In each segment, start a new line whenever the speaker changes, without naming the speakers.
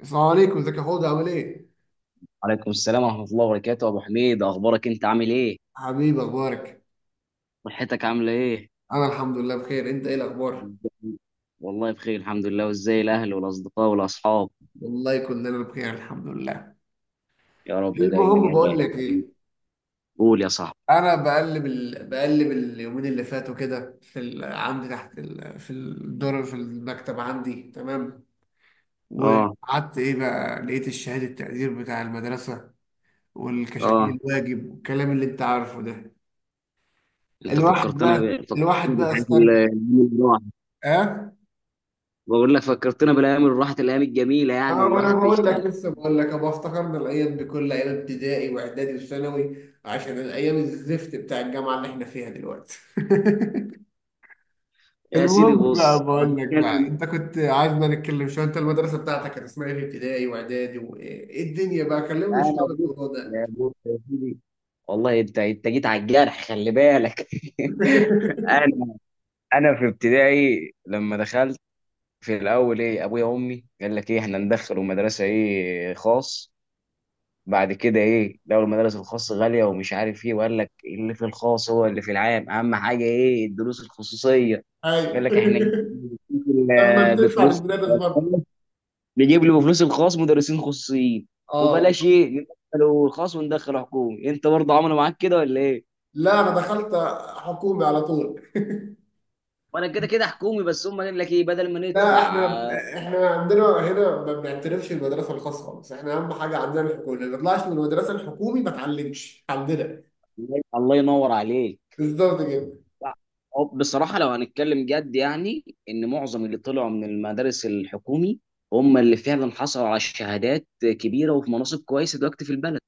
السلام عليكم، ازيك يا حوض؟ عامل ايه؟
عليكم السلام ورحمة الله وبركاته، أبو حميد. أخبارك؟ أنت عامل إيه؟
حبيبي اخبارك؟
صحتك عاملة إيه؟
انا الحمد لله بخير. انت ايه الاخبار؟
والله بخير الحمد لله. وإزاي الأهل والأصدقاء والأصحاب؟
والله كلنا بخير الحمد لله.
يا رب دايما
المهم
يا
بقول
غالي.
لك ايه،
قول يا صاحبي.
انا بقلب بقلب اليومين اللي فاتوا كده في عندي تحت في الدور في المكتب عندي، تمام.
آه.
وقعدت ايه بقى، لقيت الشهادة التقدير بتاع المدرسة، والكشاكيل
آه.
الواجب والكلام اللي انت عارفه ده.
أنت
الواحد بقى
فكرتنا
الواحد بقى
بالحاجات
استرجع.
الأيام اللي راحت.
اه.
بقول لك فكرتنا بالأيام اللي راحت، الأيام الجميلة، يعني
اه،
اللي
ما انا
الواحد
بقول لك،
بيشتغل.
لسه بقول لك ابقى افتكرنا الايام دي كلها، ايام ابتدائي واعدادي وثانوي، عشان الايام الزفت بتاع الجامعه اللي احنا فيها دلوقتي.
يا
المهم
سيدي
بقى،
بص أنا
بقول لك بقى،
هتكلم.
انت كنت عايزنا نتكلم شويه، انت المدرسه بتاعتك كانت اسمها ايه في ابتدائي واعدادي، وايه إيه الدنيا بقى، كلمنا شويه
أنا
عن
بص.
الموضوع
يا
ده.
بص يا سيدي، والله أنت جيت على الجرح، خلي بالك. انا انا في ابتدائي لما دخلت، في الاول ايه، ابويا وامي قال لك ايه، احنا ندخله مدرسه ايه، خاص. بعد كده ايه، لو المدارس الخاص غاليه ومش عارف ايه، وقال لك اللي في الخاص هو اللي في العام، اهم حاجه ايه، الدروس الخصوصيه. قال لك احنا نجيب
ايوه. لما بتدفع
بفلوس.
للمدرس برضه.
نجيب له بفلوس الخاص مدرسين خصوصيين.
اه.
وبلاش ايه ندخله الخاص، وندخله حكومي. انت برضه عملوا معاك كده ولا ايه؟
لا، انا دخلت حكومي على طول.
وانا كده كده حكومي، بس هم قال لك ايه بدل ما
لا
ندفع.
احنا احنا عندنا هنا ما بنعترفش بالمدرسه الخاصه خالص، احنا اهم حاجه عندنا الحكومه، اللي ما طلعش من المدرسه الحكومي ما اتعلمش عندنا.
الله ينور عليك.
بالظبط كده.
هو بصراحة لو هنتكلم جد، يعني إن معظم اللي طلعوا من المدارس الحكومي هم اللي فعلا حصلوا على شهادات كبيرة وفي مناصب كويسة دلوقتي في البلد.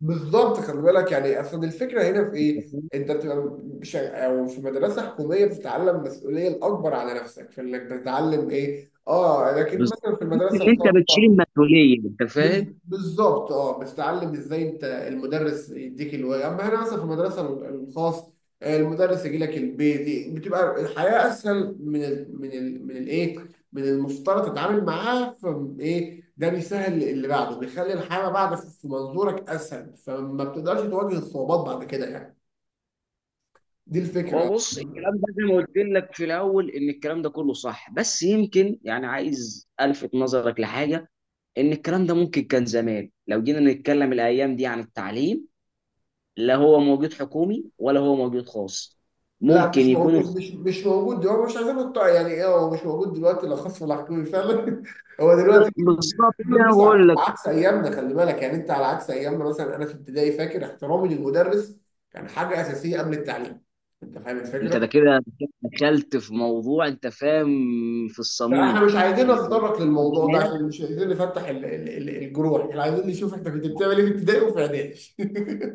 بالظبط، خلي بالك يعني اصل الفكره هنا في
أنت
ايه،
فاهم؟
انت بتبقى او في مدرسه حكوميه بتتعلم مسؤوليه الاكبر على نفسك، في انك بتتعلم ايه، اه، لكن
بالظبط.
مثلا في
تحس إن
المدرسه
أنت بتشيل
الخاصه،
المسؤولية. أنت فاهم؟
بالظبط، اه، بتتعلم ازاي، انت المدرس يديك الواجب، اما هنا مثلا في المدرسه الخاص آه، المدرس يجي لك البيت، بتبقى الحياه اسهل من ال من ال من الايه من المفترض تتعامل معاه، فايه ده بيسهل اللي بعده، بيخلي الحياه ما بعد في منظورك اسهل، فما بتقدرش تواجه الصعوبات بعد كده يعني. دي الفكره
هو بص، الكلام
آه.
ده زي ما قلت لك في الأول إن الكلام ده كله صح، بس يمكن يعني عايز ألفت نظرك لحاجة. إن الكلام ده ممكن كان زمان، لو جينا نتكلم الأيام دي عن التعليم، لا هو موجود حكومي ولا هو موجود خاص.
لا مش
ممكن يكون.
موجود مش مش موجود دلوقتي، مش عايزين نقطع يعني، ايه هو مش موجود دلوقتي لا خاص ولا حكومي فعلا. هو دلوقتي
بالظبط، ده أنا
المدرسة على
بقول لك.
عكس ايامنا، خلي بالك يعني، انت على عكس ايامنا مثلا، انا في ابتدائي فاكر احترامي للمدرس كان حاجه اساسيه قبل التعليم. انت فاهم
انت ده
الفكره؟
كده دخلت في موضوع، انت فاهم، في
لا احنا
الصميم.
مش عايزين
احنا زمان
نتطرق للموضوع ده،
زمان-
عشان مش عايزين نفتح الجروح، احنا عايزين نشوف انت كنت بتعمل ايه في ابتدائي وفي اعدادي.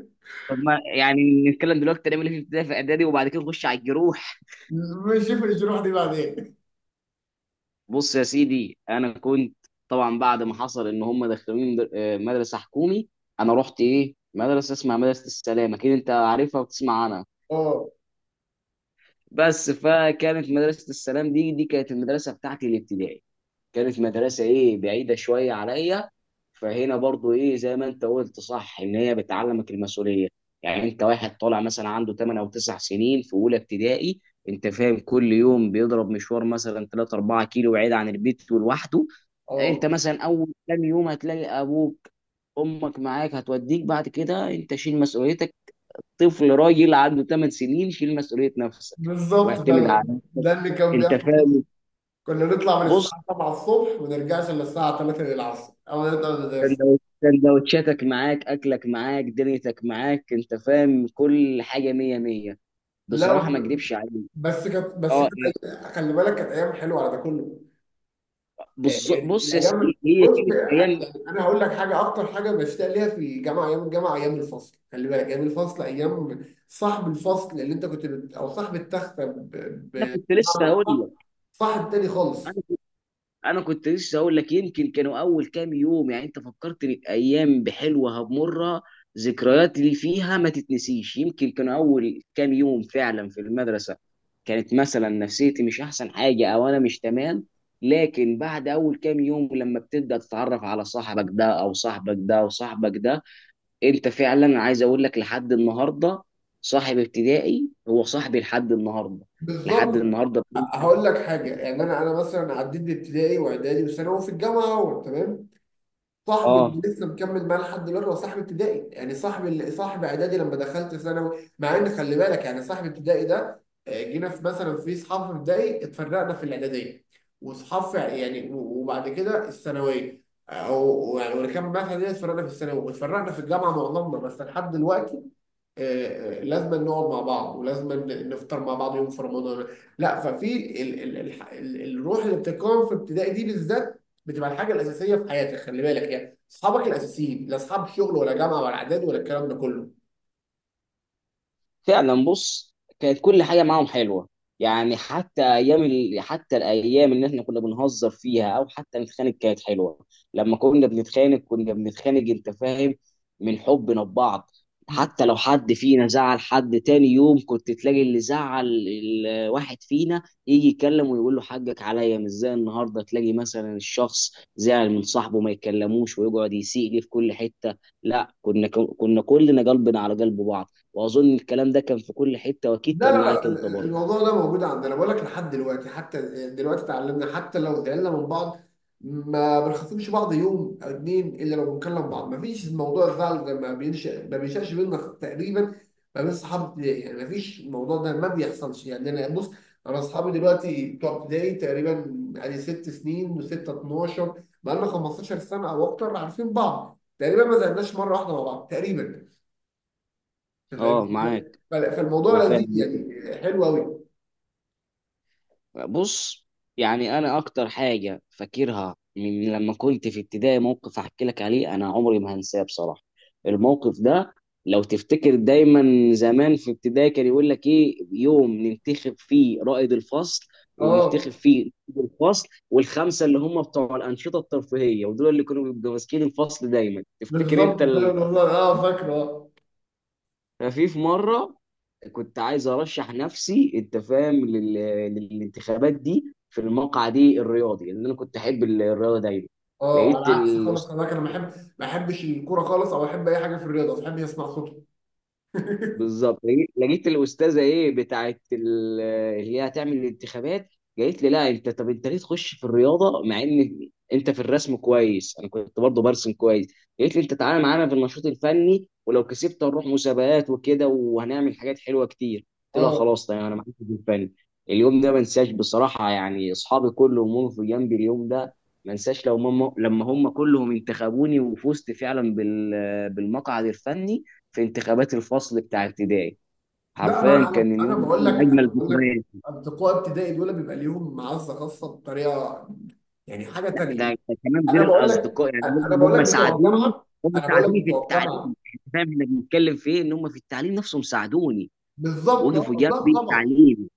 طب ما يعني نتكلم دلوقتي، نعمل ايه في ابتدائي، في اعدادي، وبعد كده نخش على الجروح.
نشوف الجروح دي بعدين.
بص يا سيدي انا كنت. طبعا بعد ما حصل ان هم دخلوني مدرسه حكومي. انا رحت ايه، مدرسه اسمها مدرسه السلام، اكيد انت عارفها وبتسمع عنها.
اه.
بس فكانت مدرسه السلام دي، كانت المدرسه بتاعتي الابتدائي. كانت مدرسة ايه بعيدة شوية عليا. فهنا برضو ايه زي ما انت قلت صح، ان هي بتعلمك المسؤولية. يعني انت واحد طالع مثلا عنده 8 او 9 سنين في اولى ابتدائي، انت فاهم، كل يوم بيضرب مشوار مثلا 3 4 كيلو بعيد عن البيت ولوحده. انت
اه،
مثلا اول كام يوم هتلاقي ابوك امك معاك هتوديك، بعد كده انت شيل مسؤوليتك. طفل راجل عنده 8 سنين، شيل مسؤولية نفسك
بالظبط
واعتمد على
فعلا
نفسك.
ده اللي كان
انت
بيحصل.
فاهم؟
كنا نطلع من
بص،
الساعه 7 الصبح وما نرجعش الا الساعه 3 العصر، او نطلع من المدرسة.
سندوتشاتك معاك، اكلك معاك، دنيتك معاك. انت فاهم، كل حاجه مية مية.
لا
بصراحه ما
ب-
اكدبش عليك.
بس كانت بس
اه.
كانت خلي بالك كانت ايام حلوه على ده كله
بص
يعني.
بص يا
الايام،
سيدي، هي
بص
كانت
يعني
ايام.
انا هقول لك حاجه، اكتر حاجه بشتاق ليها في جامعه، ايام الجامعه، ايام الفصل خلي بالك، ايام الفصل، ايام صاحب الفصل اللي انت كنت او صاحب التخته
انا
ب...
كنت لسه هقول
صاحب تاني خالص.
لك. انا كنت لسه اقول لك. يمكن كانوا اول كام يوم، يعني انت فكرتني بايام بحلوه هبمرها، ذكريات اللي فيها ما تتنسيش. يمكن كانوا اول كام يوم فعلا في المدرسه كانت مثلا نفسيتي مش احسن حاجه، او انا مش تمام. لكن بعد اول كام يوم، لما بتبدا تتعرف على صاحبك ده او صاحبك ده او صاحبك ده، انت فعلا عايز اقول لك لحد النهارده، صاحب ابتدائي هو صاحبي لحد النهارده،
بالظبط.
لحد النهارده.
هقول لك حاجه يعني، انا مثلا عديت بابتدائي واعدادي وثانوي، وفي الجامعه اهو تمام، صاحبي اللي
اه،
لسه مكمل معاه لحد دلوقتي هو صاحب ابتدائي، يعني صاحب اللي صاحب اعدادي لما دخلت ثانوي، مع ان خلي بالك يعني صاحب ابتدائي ده آه، جينا في مثلا في اصحاب في ابتدائي، اتفرقنا في الاعداديه، واصحاب في يعني وبعد كده الثانويه، او يعني واللي كان معايا في الاعداديه اتفرقنا في الثانوي، واتفرقنا في الجامعه معظمنا، بس لحد دلوقتي آه، لازم نقعد مع بعض، ولازم نفطر مع بعض يوم في رمضان. لا ففي ال ال ال ال الروح اللي بتتكون في ابتدائي دي بالذات بتبقى الحاجه الاساسيه في حياتك، خلي بالك يعني اصحابك الاساسيين، لا اصحاب شغل ولا جامعه ولا اعداد ولا الكلام ده كله.
فعلا. بص، كانت كل حاجه معاهم حلوه، يعني حتى الايام اللي احنا كنا بنهزر فيها او حتى نتخانق، كانت حلوه. لما كنا بنتخانق، كنا بنتخانق، انت فاهم، من حبنا ببعض. حتى لو حد فينا زعل حد، تاني يوم كنت تلاقي اللي زعل الواحد فينا يجي يتكلم ويقول له حقك عليا. مش زي النهارده تلاقي مثلا الشخص زعل من صاحبه ما يتكلموش ويقعد يسيء ليه في كل حته. لا، كنا كلنا قلبنا على قلب بعض. واظن الكلام ده كان في كل حته واكيد
لا لا
كان معاك انت
لا
برضه.
الموضوع ده موجود عندنا، بقول لك لحد دلوقتي حتى دلوقتي اتعلمنا، حتى لو زعلنا من بعض ما بنخاصمش بعض يوم او اتنين الا لو بنكلم بعض، ما فيش موضوع الزعل ده، ما بينشأش بينا تقريبا، ما بين صحاب ابتدائي يعني، ما فيش الموضوع ده ما بيحصلش يعني. انا بص، انا اصحابي دلوقتي بتوع ابتدائي تقريبا يعني ست سنين وستة، 12 بقى لنا، 15 سنة او اكتر عارفين بعض تقريبا، ما زعلناش مرة واحدة مع بعض تقريبا. أنت فاهم
اه معاك،
الفكرة؟
انا
فالموضوع لذيذ
فاهم.
يعني حلو قوي.
بص، يعني انا اكتر حاجه فاكرها من لما كنت في ابتدائي، موقف هحكي لك عليه انا عمري ما هنساه بصراحه. الموقف ده، لو تفتكر دايما، زمان في ابتدائي كان يقول لك ايه يوم ننتخب فيه رائد الفصل، وننتخب
اه.
فيه نائب الفصل، والخمسه اللي هم بتوع الانشطه الترفيهيه، ودول اللي كانوا بيبقوا ماسكين الفصل دايما، تفتكر انت؟
بالظبط، ده والله اه فاكره.
في مره كنت عايز ارشح نفسي، انت فاهم، للانتخابات دي، في المقعد دي الرياضي، لان انا كنت احب الرياضه دايما.
اه، على
لقيت.
عكس خالص خلي بالك، انا ما بحب، ما بحبش الكوره خالص، او احب اي حاجه في الرياضه، ما بحبش اسمع صوته.
بالظبط، لقيت الاستاذه ايه بتاعت اللي هي هتعمل الانتخابات، قالت لي لا انت، طب انت ليه تخش في الرياضه، مع ان انت في الرسم كويس، انا كنت برضه برسم كويس. قالت لي انت تعالى معانا في النشاط الفني، ولو كسبت هنروح مسابقات وكده، وهنعمل حاجات حلوه كتير. قلت لها
اه.
خلاص تمام، انا معاك في الفن. اليوم ده ما انساش بصراحه، يعني اصحابي كلهم وقفوا في جنبي اليوم ده. ما انساش لو ماما لما هم كلهم انتخبوني وفزت فعلا بالمقعد الفني في انتخابات الفصل بتاع ابتدائي.
لا ما
حرفيا
انا انا
كان
أنا
اليوم ده
بقول لك،
من اجمل
انا بقول لك
الذكريات.
اصدقاء ابتدائي دول بيبقى ليهم معزه خاصه بطريقه، يعني حاجه
لا،
تانيه.
ده كمان
انا
غير
بقول لك،
الاصدقاء. يعني
انا
هم
بقول
هم
لك بتوع
ساعدوني.
الجامعه.
هم
انا بقول لك
ساعدوني في
بتوع الجامعه.
التعليم، يعني أنت فاهم احنا بنتكلم في ايه، ان هم في التعليم نفسهم ساعدوني.
بالظبط
وقفوا
اه، لا
جنبي
طبعا.
التعليم.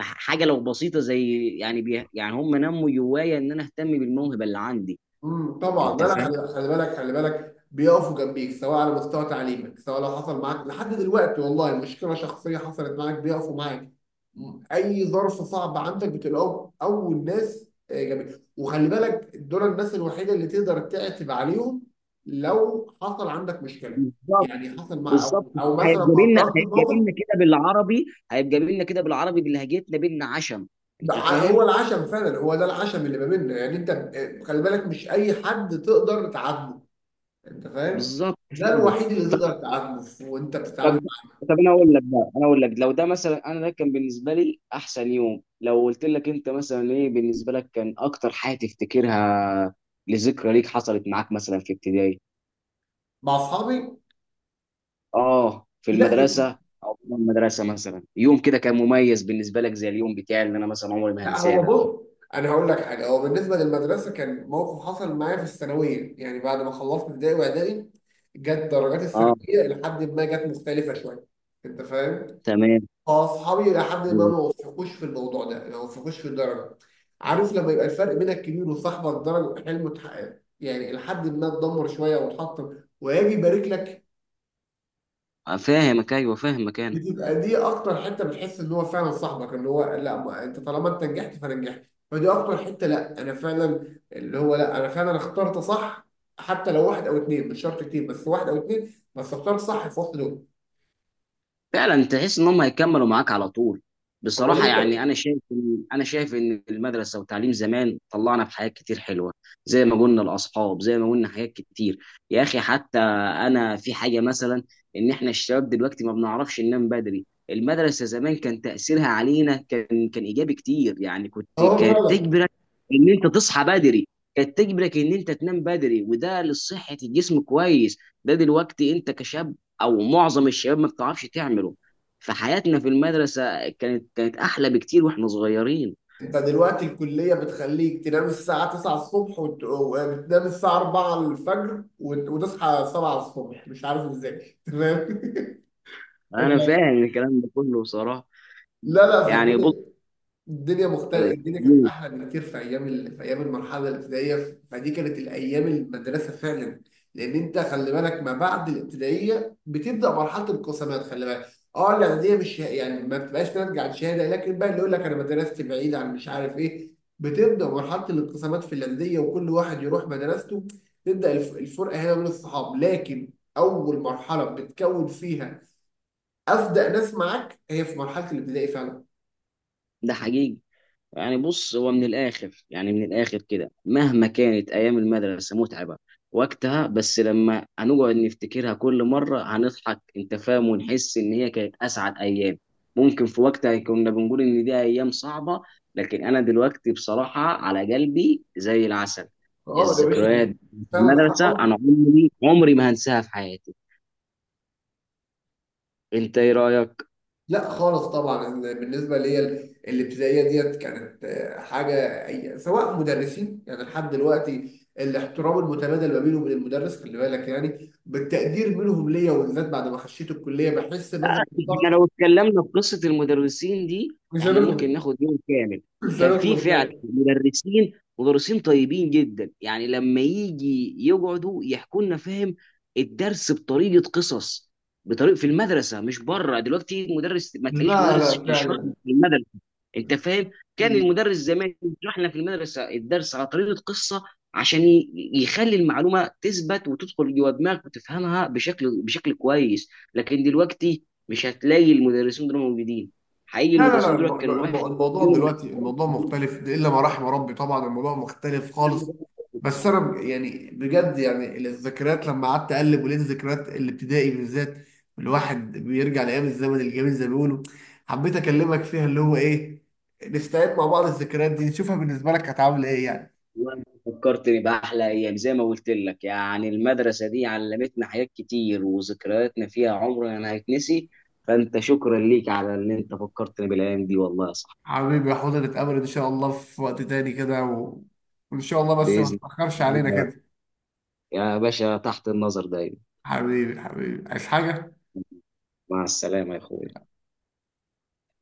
حاجه لو بسيطه زي يعني بي يعني، هم نموا جوايا ان انا اهتم بالموهبه اللي عندي،
طبعا
انت
ده انا
فاهم.
خلي بالك بيقفوا جنبيك، سواء على مستوى تعليمك، سواء لو حصل معاك لحد دلوقتي والله مشكله شخصيه حصلت معاك بيقفوا معاك. اي ظرف صعب عندك بتلاقوهم اول ناس آه، جنبيك، وخلي بالك دول الناس الوحيده اللي تقدر تعتب عليهم لو حصل عندك مشكله،
بالظبط.
يعني حصل مع
بالظبط.
او مثلا
هيبقى
ما
بينا،
اقترفت
هيبقى
موقف.
بينا كده بالعربي، هيبقى بينا كده بالعربي، بلهجتنا بينا عشم. انت
هو
فاهم.
العشم فعلا هو ده العشم اللي ما بيننا يعني، انت آه، خلي بالك مش اي حد تقدر تعاتبه. انت فاهم،
بالظبط
ده الوحيد اللي
فعلا.
تقدر تعامله وانت
طب
بتتعامل
طب انا اقول لك بقى، انا اقول لك، لو ده مثلا، انا ده كان بالنسبه لي احسن يوم، لو قلت لك انت مثلا ايه بالنسبه لك كان اكتر حاجه تفتكرها، لذكرى ليك حصلت معاك مثلا في ابتدائي.
مع اصحابي.
اه في
لا
المدرسه، او في المدرسه مثلا يوم كده كان مميز بالنسبه لك، زي اليوم بتاعي اللي انا مثلا عمري ما
لا
هنساه
هو
ده.
بص، انا هقول لك حاجه، هو بالنسبه للمدرسه كان موقف حصل معايا في الثانويه، يعني بعد ما خلصت ابتدائي واعدادي جت درجات
اه.
الثانويه، لحد ما جت مختلفه شويه. انت فاهم؟
تمام.
فاصحابي لحد ما ما وفقوش في الموضوع ده، ما وفقوش في الدرجه. عارف لما يبقى الفرق بينك كبير، وصاحبك درجه حلمه اتحقق، يعني لحد ما اتدمر شويه واتحطم، ويجي يبارك لك،
فاهمك، ايوه فاهمك انا.
بتبقى دي اكتر حته بتحس ان هو فعلا صاحبك، اللي هو لا ما انت طالما انت نجحت فانا نجحت. فدي اكتر حته، لا انا فعلا، اللي هو لا انا فعلا اخترت صح، حتى لو واحد او اتنين مش شرط كتير، بس واحد او اتنين بس اخترت صح في وسط دول.
فعلا تحس ان هم هيكملوا معاك على طول.
هو
بصراحه يعني
لسه.
انا انا شايف ان المدرسه وتعليم زمان طلعنا بحاجات كتير حلوه، زي ما قلنا الاصحاب، زي ما قلنا حاجات كتير. يا اخي، حتى انا في حاجه مثلا، ان احنا الشباب دلوقتي ما بنعرفش ننام بدري. المدرسه زمان كان تاثيرها علينا كان، ايجابي كتير، يعني كنت،
هو
كانت
فعلا.
تجبرك ان انت تصحى بدري، كانت تجبرك ان انت تنام بدري، وده لصحه الجسم كويس. ده دلوقتي انت كشاب، او معظم الشباب، ما بتعرفش تعمله. فحياتنا في المدرسه كانت احلى بكتير واحنا صغيرين.
انت دلوقتي الكليه بتخليك تنام الساعه 9 الصبح وتنام الساعه 4 الفجر وتصحى 7 الصبح مش عارف ازاي.
انا
تمام.
فاهم الكلام ده كله صراحه.
لا في
يعني بص.
الدنيا، الدنيا مختلفة، الدنيا كانت أحلى بكتير في في أيام المرحلة الابتدائية، فدي كانت الأيام المدرسة فعلا. لأن أنت خلي بالك ما بعد الابتدائية بتبدأ مرحلة القسمات، خلي بالك أه الإعدادية، مش يعني ما بتبقاش ناتجة عن شهادة، لكن بقى اللي يقول لك أنا مدرستي بعيدة عن مش عارف إيه، بتبدأ مرحلة الانقسامات في الإعدادية، وكل واحد يروح مدرسته، تبدأ الفرقة هنا من الصحاب، لكن أول مرحلة بتكون فيها أصدق ناس معاك هي في مرحلة الابتدائي فعلا.
ده حقيقي. يعني بص، هو من الآخر، يعني من الآخر كده، مهما كانت أيام المدرسة متعبة وقتها، بس لما هنقعد نفتكرها كل مرة هنضحك، أنت فاهم، ونحس إن هي كانت أسعد أيام. ممكن في وقتها كنا بنقول إن دي أيام صعبة، لكن أنا دلوقتي بصراحة على قلبي زي العسل.
اه يا
الذكريات
باشا.
في
فعلا
المدرسة أنا
أو.
عمري ما هنساها في حياتي. أنت إيه رأيك؟
لا خالص طبعا، إن بالنسبه ليا الابتدائيه ديت كانت آه، حاجه سواء مدرسين، يعني لحد دلوقتي الاحترام المتبادل ما بيني وبين المدرس خلي بالك يعني، بالتقدير منهم ليا، وبالذات بعد ما خشيت الكليه بحس نظره
احنا
الضغط.
لو اتكلمنا في قصة المدرسين دي،
مش
احنا ممكن
هنخلص.
ناخد يوم كامل.
مش
كان في
هنخلص
فعلا
فعلا.
مدرسين، طيبين جدا، يعني لما يجي يقعدوا يحكوا لنا، فاهم، الدرس بطريقة قصص، بطريقة في المدرسة، مش بره. دلوقتي مدرس، ما تلاقيش
لا
مدرس
لا
يشرح لك
فعلا.
في المدرسة. انت فاهم. كان المدرس زمان يشرح لنا في المدرسة الدرس على طريقة قصة، عشان يخلي المعلومة تثبت وتدخل جوه دماغك وتفهمها بشكل كويس. لكن دلوقتي مش هتلاقي المدرسين دول موجودين. حقيقي
لا
المدرسين دول كانوا واحد.
الموضوع دلوقتي الموضوع مختلف، ده الا ما رحم ربي طبعا، الموضوع مختلف خالص. بس انا يعني بجد يعني، الذكريات لما قعدت اقلب ولقيت ذكريات الابتدائي بالذات، الواحد بيرجع لايام الزمن الجميل زي ما بيقولوا، حبيت اكلمك فيها، اللي هو ايه، نستعيد مع بعض الذكريات دي، نشوفها بالنسبه لك كانت عامله ايه يعني.
والله فكرتني بأحلى أيام، زي ما قلت لك. يعني المدرسة دي علمتنا حاجات كتير وذكرياتنا فيها عمرنا ما هيتنسي. فأنت شكرا ليك على إن أنت فكرتني بالأيام دي، والله يا صاحبي.
حبيبي يا حوض، نتقابل ان شاء الله في وقت تاني كده وان شاء الله بس ما
بإذن
تتاخرش علينا
الله
كده.
يا باشا، تحت النظر دايما.
حبيبي، حبيبي، عايز حاجه؟
مع السلامة يا أخوي.